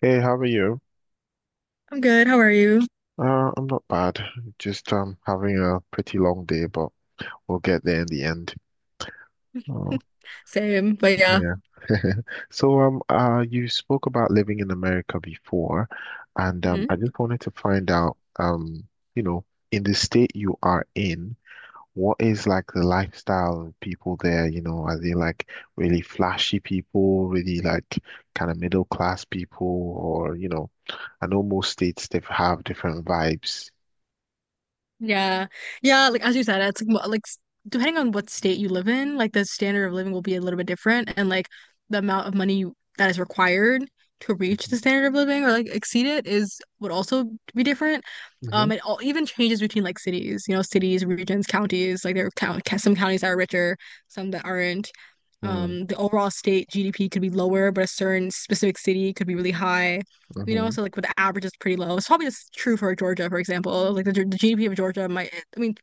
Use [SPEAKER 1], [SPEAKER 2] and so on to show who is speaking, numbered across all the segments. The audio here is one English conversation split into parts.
[SPEAKER 1] Hey, how are you?
[SPEAKER 2] I'm good. How are you?
[SPEAKER 1] I'm not bad. Just having a pretty long day, but we'll get there in the end. Oh,
[SPEAKER 2] Same. But yeah.
[SPEAKER 1] yeah. So you spoke about living in America before, and
[SPEAKER 2] Hmm.
[SPEAKER 1] I just wanted to find out you know in the state you are in, what is like the lifestyle of people there? You know, are they like really flashy people, really like kind of middle class people, or you know, I know most states they have different vibes.
[SPEAKER 2] Yeah. Yeah, like as you said, it's like mo- like s- depending on what state you live in, like the standard of living will be a little bit different and like the amount of money that is required to reach the standard of living or like exceed it is would also be different.
[SPEAKER 1] Mhm.
[SPEAKER 2] It all even changes between like cities, you know, cities, regions, counties. Like there are count some counties that are richer, some that aren't.
[SPEAKER 1] Mm,
[SPEAKER 2] The overall state GDP could be lower, but a certain specific city could be really high. You know,
[SPEAKER 1] mhm.
[SPEAKER 2] so like with the average is pretty low. It's probably just true for Georgia, for example. Like the GDP of Georgia might, I mean,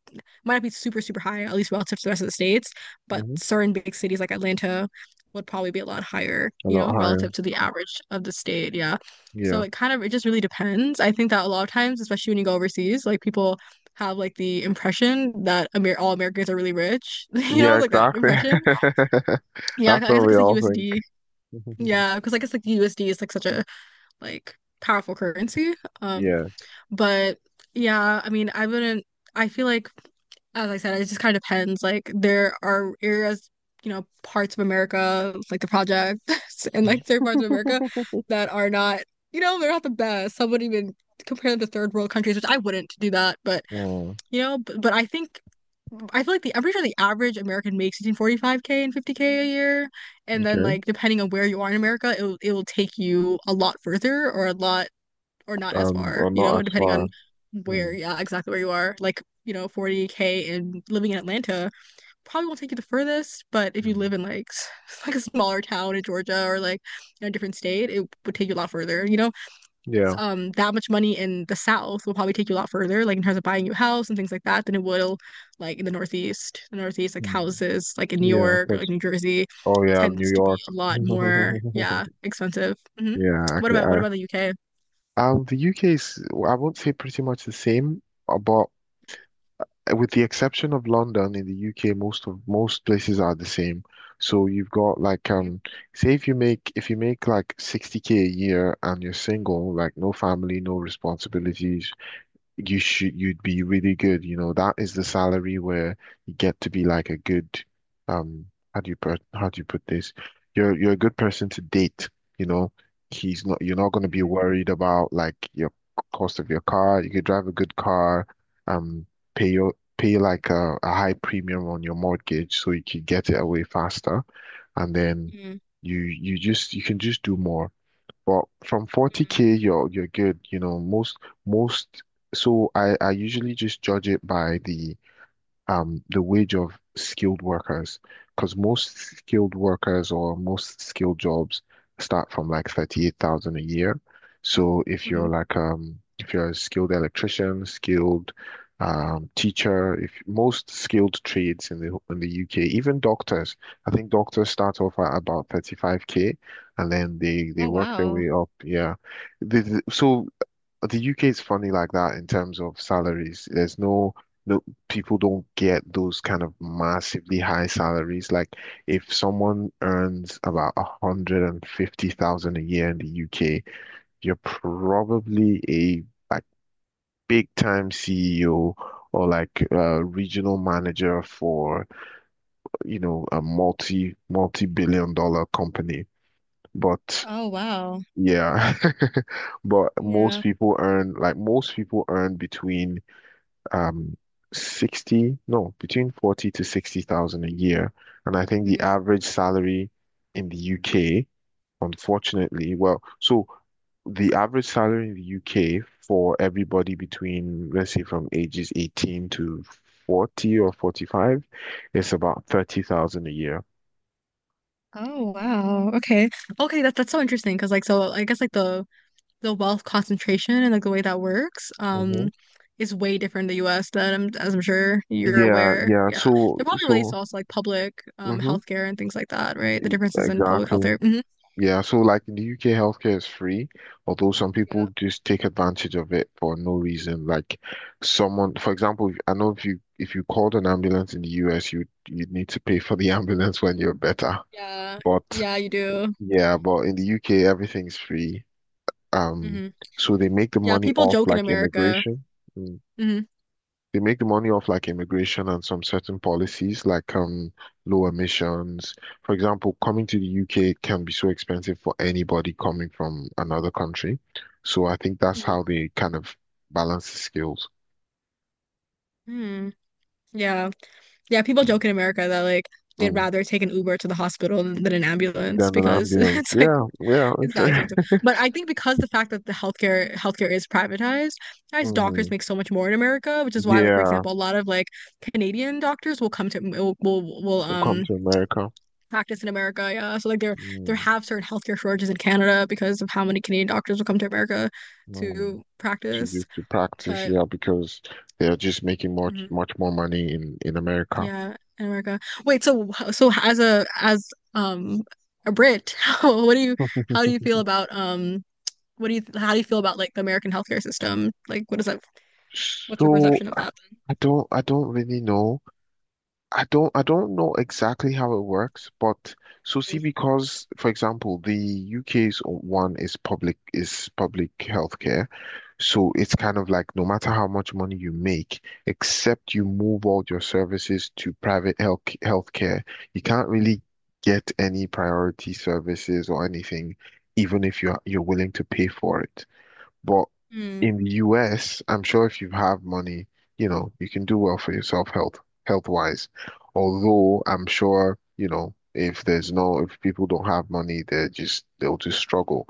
[SPEAKER 2] might not be super high, at least relative to the rest of the states, but
[SPEAKER 1] Mhm.
[SPEAKER 2] certain big cities like Atlanta would probably be a lot higher,
[SPEAKER 1] A
[SPEAKER 2] you know,
[SPEAKER 1] lot higher.
[SPEAKER 2] relative to the average of the state. Yeah. So
[SPEAKER 1] Yeah.
[SPEAKER 2] it just really depends. I think that a lot of times, especially when you go overseas, like people have like the impression that Amer all Americans are really rich, you know,
[SPEAKER 1] Yeah,
[SPEAKER 2] like that
[SPEAKER 1] exactly.
[SPEAKER 2] impression. Yeah. I
[SPEAKER 1] That's what
[SPEAKER 2] guess like
[SPEAKER 1] we
[SPEAKER 2] it's like
[SPEAKER 1] all
[SPEAKER 2] USD.
[SPEAKER 1] think.
[SPEAKER 2] Yeah. Because I guess like the USD is like such a, like powerful currency. Um,
[SPEAKER 1] Yeah.
[SPEAKER 2] but yeah, I mean, I wouldn't, I feel like, as I said, it just kind of depends. Like, there are areas, you know, parts of America, like the projects and like certain parts of America that are not, you know, they're not the best. Some would even compare them to third world countries, which I wouldn't do that. But,
[SPEAKER 1] Oh,
[SPEAKER 2] you know, but I think I feel like the I'm pretty sure the average American makes between 45K and 50K a year, and then
[SPEAKER 1] okay.
[SPEAKER 2] like depending on where you are in America, it will take you a lot further or a lot or not as
[SPEAKER 1] Or
[SPEAKER 2] far, you
[SPEAKER 1] not
[SPEAKER 2] know,
[SPEAKER 1] as
[SPEAKER 2] depending
[SPEAKER 1] far.
[SPEAKER 2] on where,
[SPEAKER 1] Hmm.
[SPEAKER 2] yeah, exactly where you are. Like, you know, 40K and living in Atlanta probably won't take you the furthest, but if you live
[SPEAKER 1] Hmm.
[SPEAKER 2] in like a smaller town in Georgia or like in a different state, it would take you a lot further, you know?
[SPEAKER 1] Yeah.
[SPEAKER 2] That much money in the South will probably take you a lot further, like in terms of buying a new house and things like that, than it will like in the Northeast. The Northeast, like
[SPEAKER 1] Hmm.
[SPEAKER 2] houses like in New
[SPEAKER 1] Yeah, of
[SPEAKER 2] York or like
[SPEAKER 1] course.
[SPEAKER 2] New Jersey
[SPEAKER 1] Oh yeah, New
[SPEAKER 2] tends to be
[SPEAKER 1] York.
[SPEAKER 2] a lot more, yeah, expensive. Hmm.
[SPEAKER 1] Yeah,
[SPEAKER 2] What
[SPEAKER 1] okay.
[SPEAKER 2] about what about the UK?
[SPEAKER 1] The UK is. I won't say pretty much the same, but with the exception of London in the UK, most places are the same. So you've got like say if you make like 60K a year and you're single, like no family, no responsibilities, you'd be really good. You know, that is the salary where you get to be like a good um how do you put this? You're a good person to date, you know. He's not, you're not gonna be
[SPEAKER 2] Mm,
[SPEAKER 1] worried about like your cost of your car. You could drive a good car, um pay like a high premium on your mortgage so you could get it away faster and then
[SPEAKER 2] mm,
[SPEAKER 1] you can just do more. But from
[SPEAKER 2] mm.
[SPEAKER 1] 40K, you're good. You know, most most. So I usually just judge it by the the wage of skilled workers, because most skilled workers or most skilled jobs start from like 38,000 a year. So
[SPEAKER 2] Hmm.
[SPEAKER 1] if you're a skilled electrician, skilled teacher, if most skilled trades in the UK, even doctors, I think doctors start off at about 35K and then they
[SPEAKER 2] Oh
[SPEAKER 1] work their
[SPEAKER 2] wow.
[SPEAKER 1] way up. Yeah. So the UK is funny like that in terms of salaries. There's no, no, people don't get those kind of massively high salaries. Like if someone earns about 150,000 a year in the UK, you're probably a like big time CEO or like a regional manager for, you know, a multi billion dollar company. But
[SPEAKER 2] Oh wow.
[SPEAKER 1] yeah, but
[SPEAKER 2] Yeah.
[SPEAKER 1] most people earn between um 60, no, between 40 to 60,000 a year. And I think the
[SPEAKER 2] Hmm.
[SPEAKER 1] average salary in the UK, unfortunately, well, so the average salary in the UK for everybody between, let's say, from ages 18 to 40 or 45 is about 30,000 a year.
[SPEAKER 2] Oh wow. Okay. Okay, that's so interesting because like so I guess like the wealth concentration and like the way that works
[SPEAKER 1] Hmm.
[SPEAKER 2] is way different in the US as I'm sure you're
[SPEAKER 1] Yeah,
[SPEAKER 2] aware.
[SPEAKER 1] yeah.
[SPEAKER 2] Yeah.
[SPEAKER 1] So,
[SPEAKER 2] They're probably relates to
[SPEAKER 1] so,
[SPEAKER 2] also like public
[SPEAKER 1] mhm,
[SPEAKER 2] healthcare and things like that, right? The differences in public
[SPEAKER 1] exactly.
[SPEAKER 2] healthcare. Hmm.
[SPEAKER 1] Yeah, so like in the UK, healthcare is free, although some
[SPEAKER 2] Yeah.
[SPEAKER 1] people just take advantage of it for no reason. Like someone, for example, I know if you called an ambulance in the US, you'd need to pay for the ambulance when you're better.
[SPEAKER 2] Yeah.
[SPEAKER 1] But
[SPEAKER 2] Yeah, you do.
[SPEAKER 1] yeah, but in the UK, everything's free. Um,
[SPEAKER 2] Hmm.
[SPEAKER 1] so they make the
[SPEAKER 2] Yeah,
[SPEAKER 1] money
[SPEAKER 2] people
[SPEAKER 1] off
[SPEAKER 2] joke in
[SPEAKER 1] like
[SPEAKER 2] America.
[SPEAKER 1] immigration. Hmm.
[SPEAKER 2] Hmm.
[SPEAKER 1] They make money off like immigration and some certain policies like low emissions. For example, coming to the UK can be so expensive for anybody coming from another country. So I think that's how
[SPEAKER 2] Hmm.
[SPEAKER 1] they kind of balance the skills.
[SPEAKER 2] Hmm. Yeah. Yeah, people joke in America that like they'd
[SPEAKER 1] Mm.
[SPEAKER 2] rather take an Uber to the hospital than an ambulance
[SPEAKER 1] Then an
[SPEAKER 2] because
[SPEAKER 1] ambulance.
[SPEAKER 2] it's like
[SPEAKER 1] Yeah, yeah.
[SPEAKER 2] it's that expensive. But I think because the fact that the healthcare is privatized, guys, doctors
[SPEAKER 1] Mm.
[SPEAKER 2] make so much more in America, which is why like for
[SPEAKER 1] Yeah,
[SPEAKER 2] example, a lot of like Canadian doctors will come to will
[SPEAKER 1] come to America.
[SPEAKER 2] practice in America. Yeah, so like there
[SPEAKER 1] Mm.
[SPEAKER 2] have certain healthcare shortages in Canada because of how many Canadian doctors will come to America
[SPEAKER 1] Mm.
[SPEAKER 2] to
[SPEAKER 1] To do
[SPEAKER 2] practice.
[SPEAKER 1] to practice,
[SPEAKER 2] But
[SPEAKER 1] yeah, because they're just making much
[SPEAKER 2] mhm.
[SPEAKER 1] much more money in America.
[SPEAKER 2] Yeah, in America. Wait, so as um a Brit, how do you feel about what do you how do you feel about like the American healthcare system? Like what's your
[SPEAKER 1] So
[SPEAKER 2] perception of that?
[SPEAKER 1] I don't really know. I don't know exactly how it works, but so see
[SPEAKER 2] Mm,
[SPEAKER 1] because for example the UK's one is public healthcare. So it's kind of like no matter how much money you make, except you move all your services to private healthcare, you can't really get any priority services or anything, even if you're willing to pay for it. But
[SPEAKER 2] mm,
[SPEAKER 1] in the US, I'm sure if you have money, you know, you can do well for yourself health wise. Although I'm sure, you know, if there's no, if people don't have money, they'll just struggle.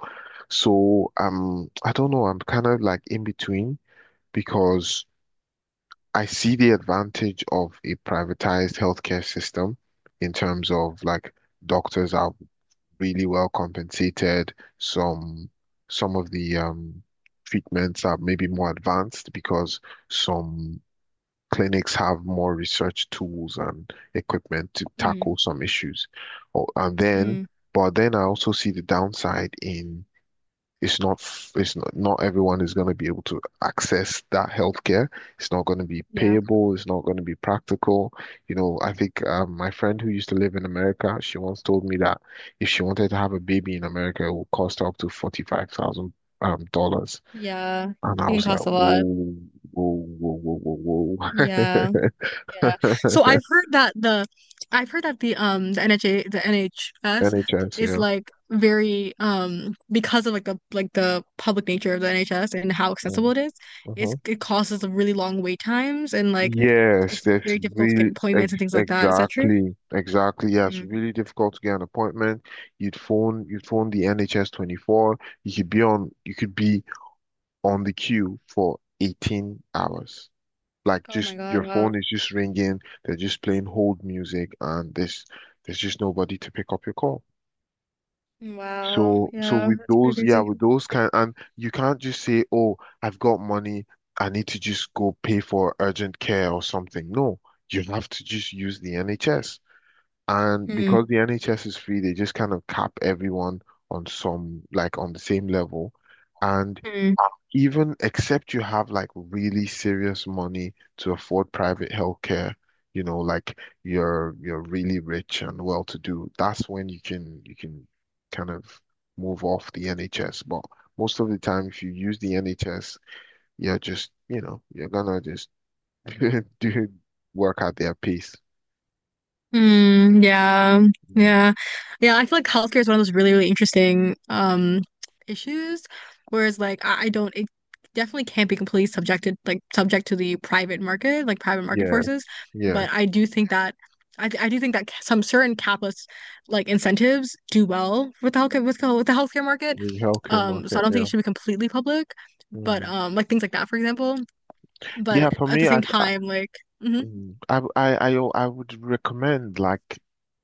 [SPEAKER 1] So I don't know, I'm kind of like in between because I see the advantage of a privatized healthcare system in terms of like doctors are really well compensated. Some of the treatments are maybe more advanced because some clinics have more research tools and equipment to
[SPEAKER 2] mm,
[SPEAKER 1] tackle some issues. Or and then,
[SPEAKER 2] mm.
[SPEAKER 1] but then I also see the downside in it's not f- it's not, not everyone is going to be able to access that healthcare. It's not going to be
[SPEAKER 2] Yeah.
[SPEAKER 1] payable. It's not going to be practical. I think my friend who used to live in America, she once told me that if she wanted to have a baby in America, it would cost her up to 45,000 dollars.
[SPEAKER 2] Yeah.
[SPEAKER 1] And I
[SPEAKER 2] It can
[SPEAKER 1] was like,
[SPEAKER 2] cost a lot.
[SPEAKER 1] whoa, whoa, whoa, whoa, whoa,
[SPEAKER 2] Yeah.
[SPEAKER 1] whoa.
[SPEAKER 2] Yeah. So I've heard that the I've heard that the um the NHA the NHS
[SPEAKER 1] NHS,
[SPEAKER 2] is
[SPEAKER 1] yeah.
[SPEAKER 2] like very because of like the public nature of the NHS and how accessible
[SPEAKER 1] Mm.
[SPEAKER 2] it is, it's,
[SPEAKER 1] Uh-huh.
[SPEAKER 2] it causes a really long wait times and like
[SPEAKER 1] Yes,
[SPEAKER 2] it's
[SPEAKER 1] that's
[SPEAKER 2] very difficult to get
[SPEAKER 1] really ex
[SPEAKER 2] appointments and things like that. Is that true?
[SPEAKER 1] exactly, exactly. Yeah, it's
[SPEAKER 2] Mm.
[SPEAKER 1] really difficult to get an appointment. You'd phone the NHS 24. You could be on the queue for 18 hours. Like
[SPEAKER 2] Oh my
[SPEAKER 1] just
[SPEAKER 2] God,
[SPEAKER 1] your phone
[SPEAKER 2] wow.
[SPEAKER 1] is just ringing. They're just playing hold music, and there's just nobody to pick up your call.
[SPEAKER 2] Wow.
[SPEAKER 1] So,
[SPEAKER 2] Yeah,
[SPEAKER 1] with
[SPEAKER 2] that's pretty
[SPEAKER 1] those, yeah,
[SPEAKER 2] crazy.
[SPEAKER 1] with those kind, and you can't just say, "Oh, I've got money. I need to just go pay for urgent care or something." No, you have to just use the NHS. And
[SPEAKER 2] Mm.
[SPEAKER 1] because the NHS is free, they just kind of cap everyone on some, like on the same level. And
[SPEAKER 2] Mm.
[SPEAKER 1] even except you have like really serious money to afford private healthcare, like you're really rich and well to do, that's when you can kind of move off the NHS. But most of the time, if you use the NHS, you're gonna just do work at their pace.
[SPEAKER 2] Mm, yeah,
[SPEAKER 1] Mm.
[SPEAKER 2] yeah, yeah. I feel like healthcare is one of those really interesting issues. Whereas, like, I don't, it definitely can't be completely subjected, like, subject to the private market, like private market
[SPEAKER 1] Yeah,
[SPEAKER 2] forces.
[SPEAKER 1] yeah.
[SPEAKER 2] But I do think that I do think that some certain capitalist like incentives do well with the healthcare market.
[SPEAKER 1] The healthcare
[SPEAKER 2] So
[SPEAKER 1] market,
[SPEAKER 2] I don't think it
[SPEAKER 1] yeah.
[SPEAKER 2] should be completely public, but
[SPEAKER 1] Mm.
[SPEAKER 2] like things like that, for example.
[SPEAKER 1] Yeah,
[SPEAKER 2] But
[SPEAKER 1] for
[SPEAKER 2] at the
[SPEAKER 1] me, I
[SPEAKER 2] same time, like, mhm.
[SPEAKER 1] Mm, I, w- I, o- I would recommend like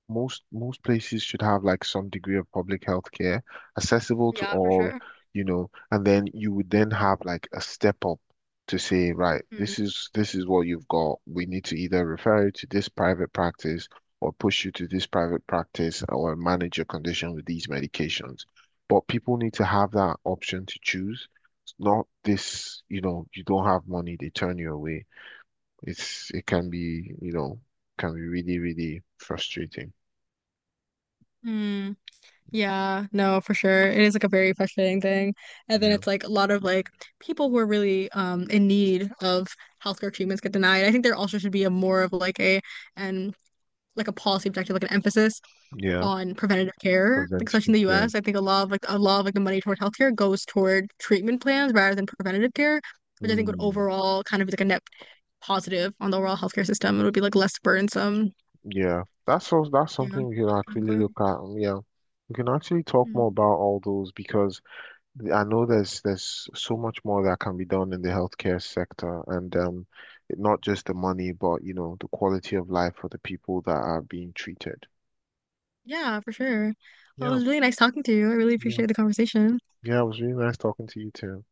[SPEAKER 1] most places should have like some degree of public health care accessible to
[SPEAKER 2] Yeah, for
[SPEAKER 1] all,
[SPEAKER 2] sure.
[SPEAKER 1] and then you would then have like a step up to say, right, this is what you've got. We need to either refer you to this private practice or push you to this private practice or manage your condition with these medications. But people need to have that option to choose. It's not this, you don't have money, they turn you away. It can be, can be really, really frustrating.
[SPEAKER 2] Mm. Yeah, no, for sure. It is like a very frustrating thing. And then
[SPEAKER 1] Yeah.
[SPEAKER 2] it's like a lot of like people who are really in need of healthcare treatments get denied. I think there also should be a more of like a and like a policy objective, like an emphasis
[SPEAKER 1] Yeah.
[SPEAKER 2] on preventative care, like especially in the
[SPEAKER 1] Preventative care.
[SPEAKER 2] US. I think a lot of like the money toward healthcare goes toward treatment plans rather than preventative care, which I think would
[SPEAKER 1] Mm,
[SPEAKER 2] overall kind of be like a net positive on the overall healthcare system. It would be like less burdensome,
[SPEAKER 1] yeah, that's
[SPEAKER 2] yeah,
[SPEAKER 1] something we can actually
[SPEAKER 2] economically.
[SPEAKER 1] look at. Yeah, we can actually talk
[SPEAKER 2] Hmm.
[SPEAKER 1] more about all those because I know there's so much more that can be done in the healthcare sector, and not just the money, but the quality of life for the people that are being treated.
[SPEAKER 2] Yeah, for sure. Well, it
[SPEAKER 1] Yeah,
[SPEAKER 2] was really nice talking to you. I really
[SPEAKER 1] yeah,
[SPEAKER 2] appreciate the conversation.
[SPEAKER 1] yeah. It was really nice talking to you too.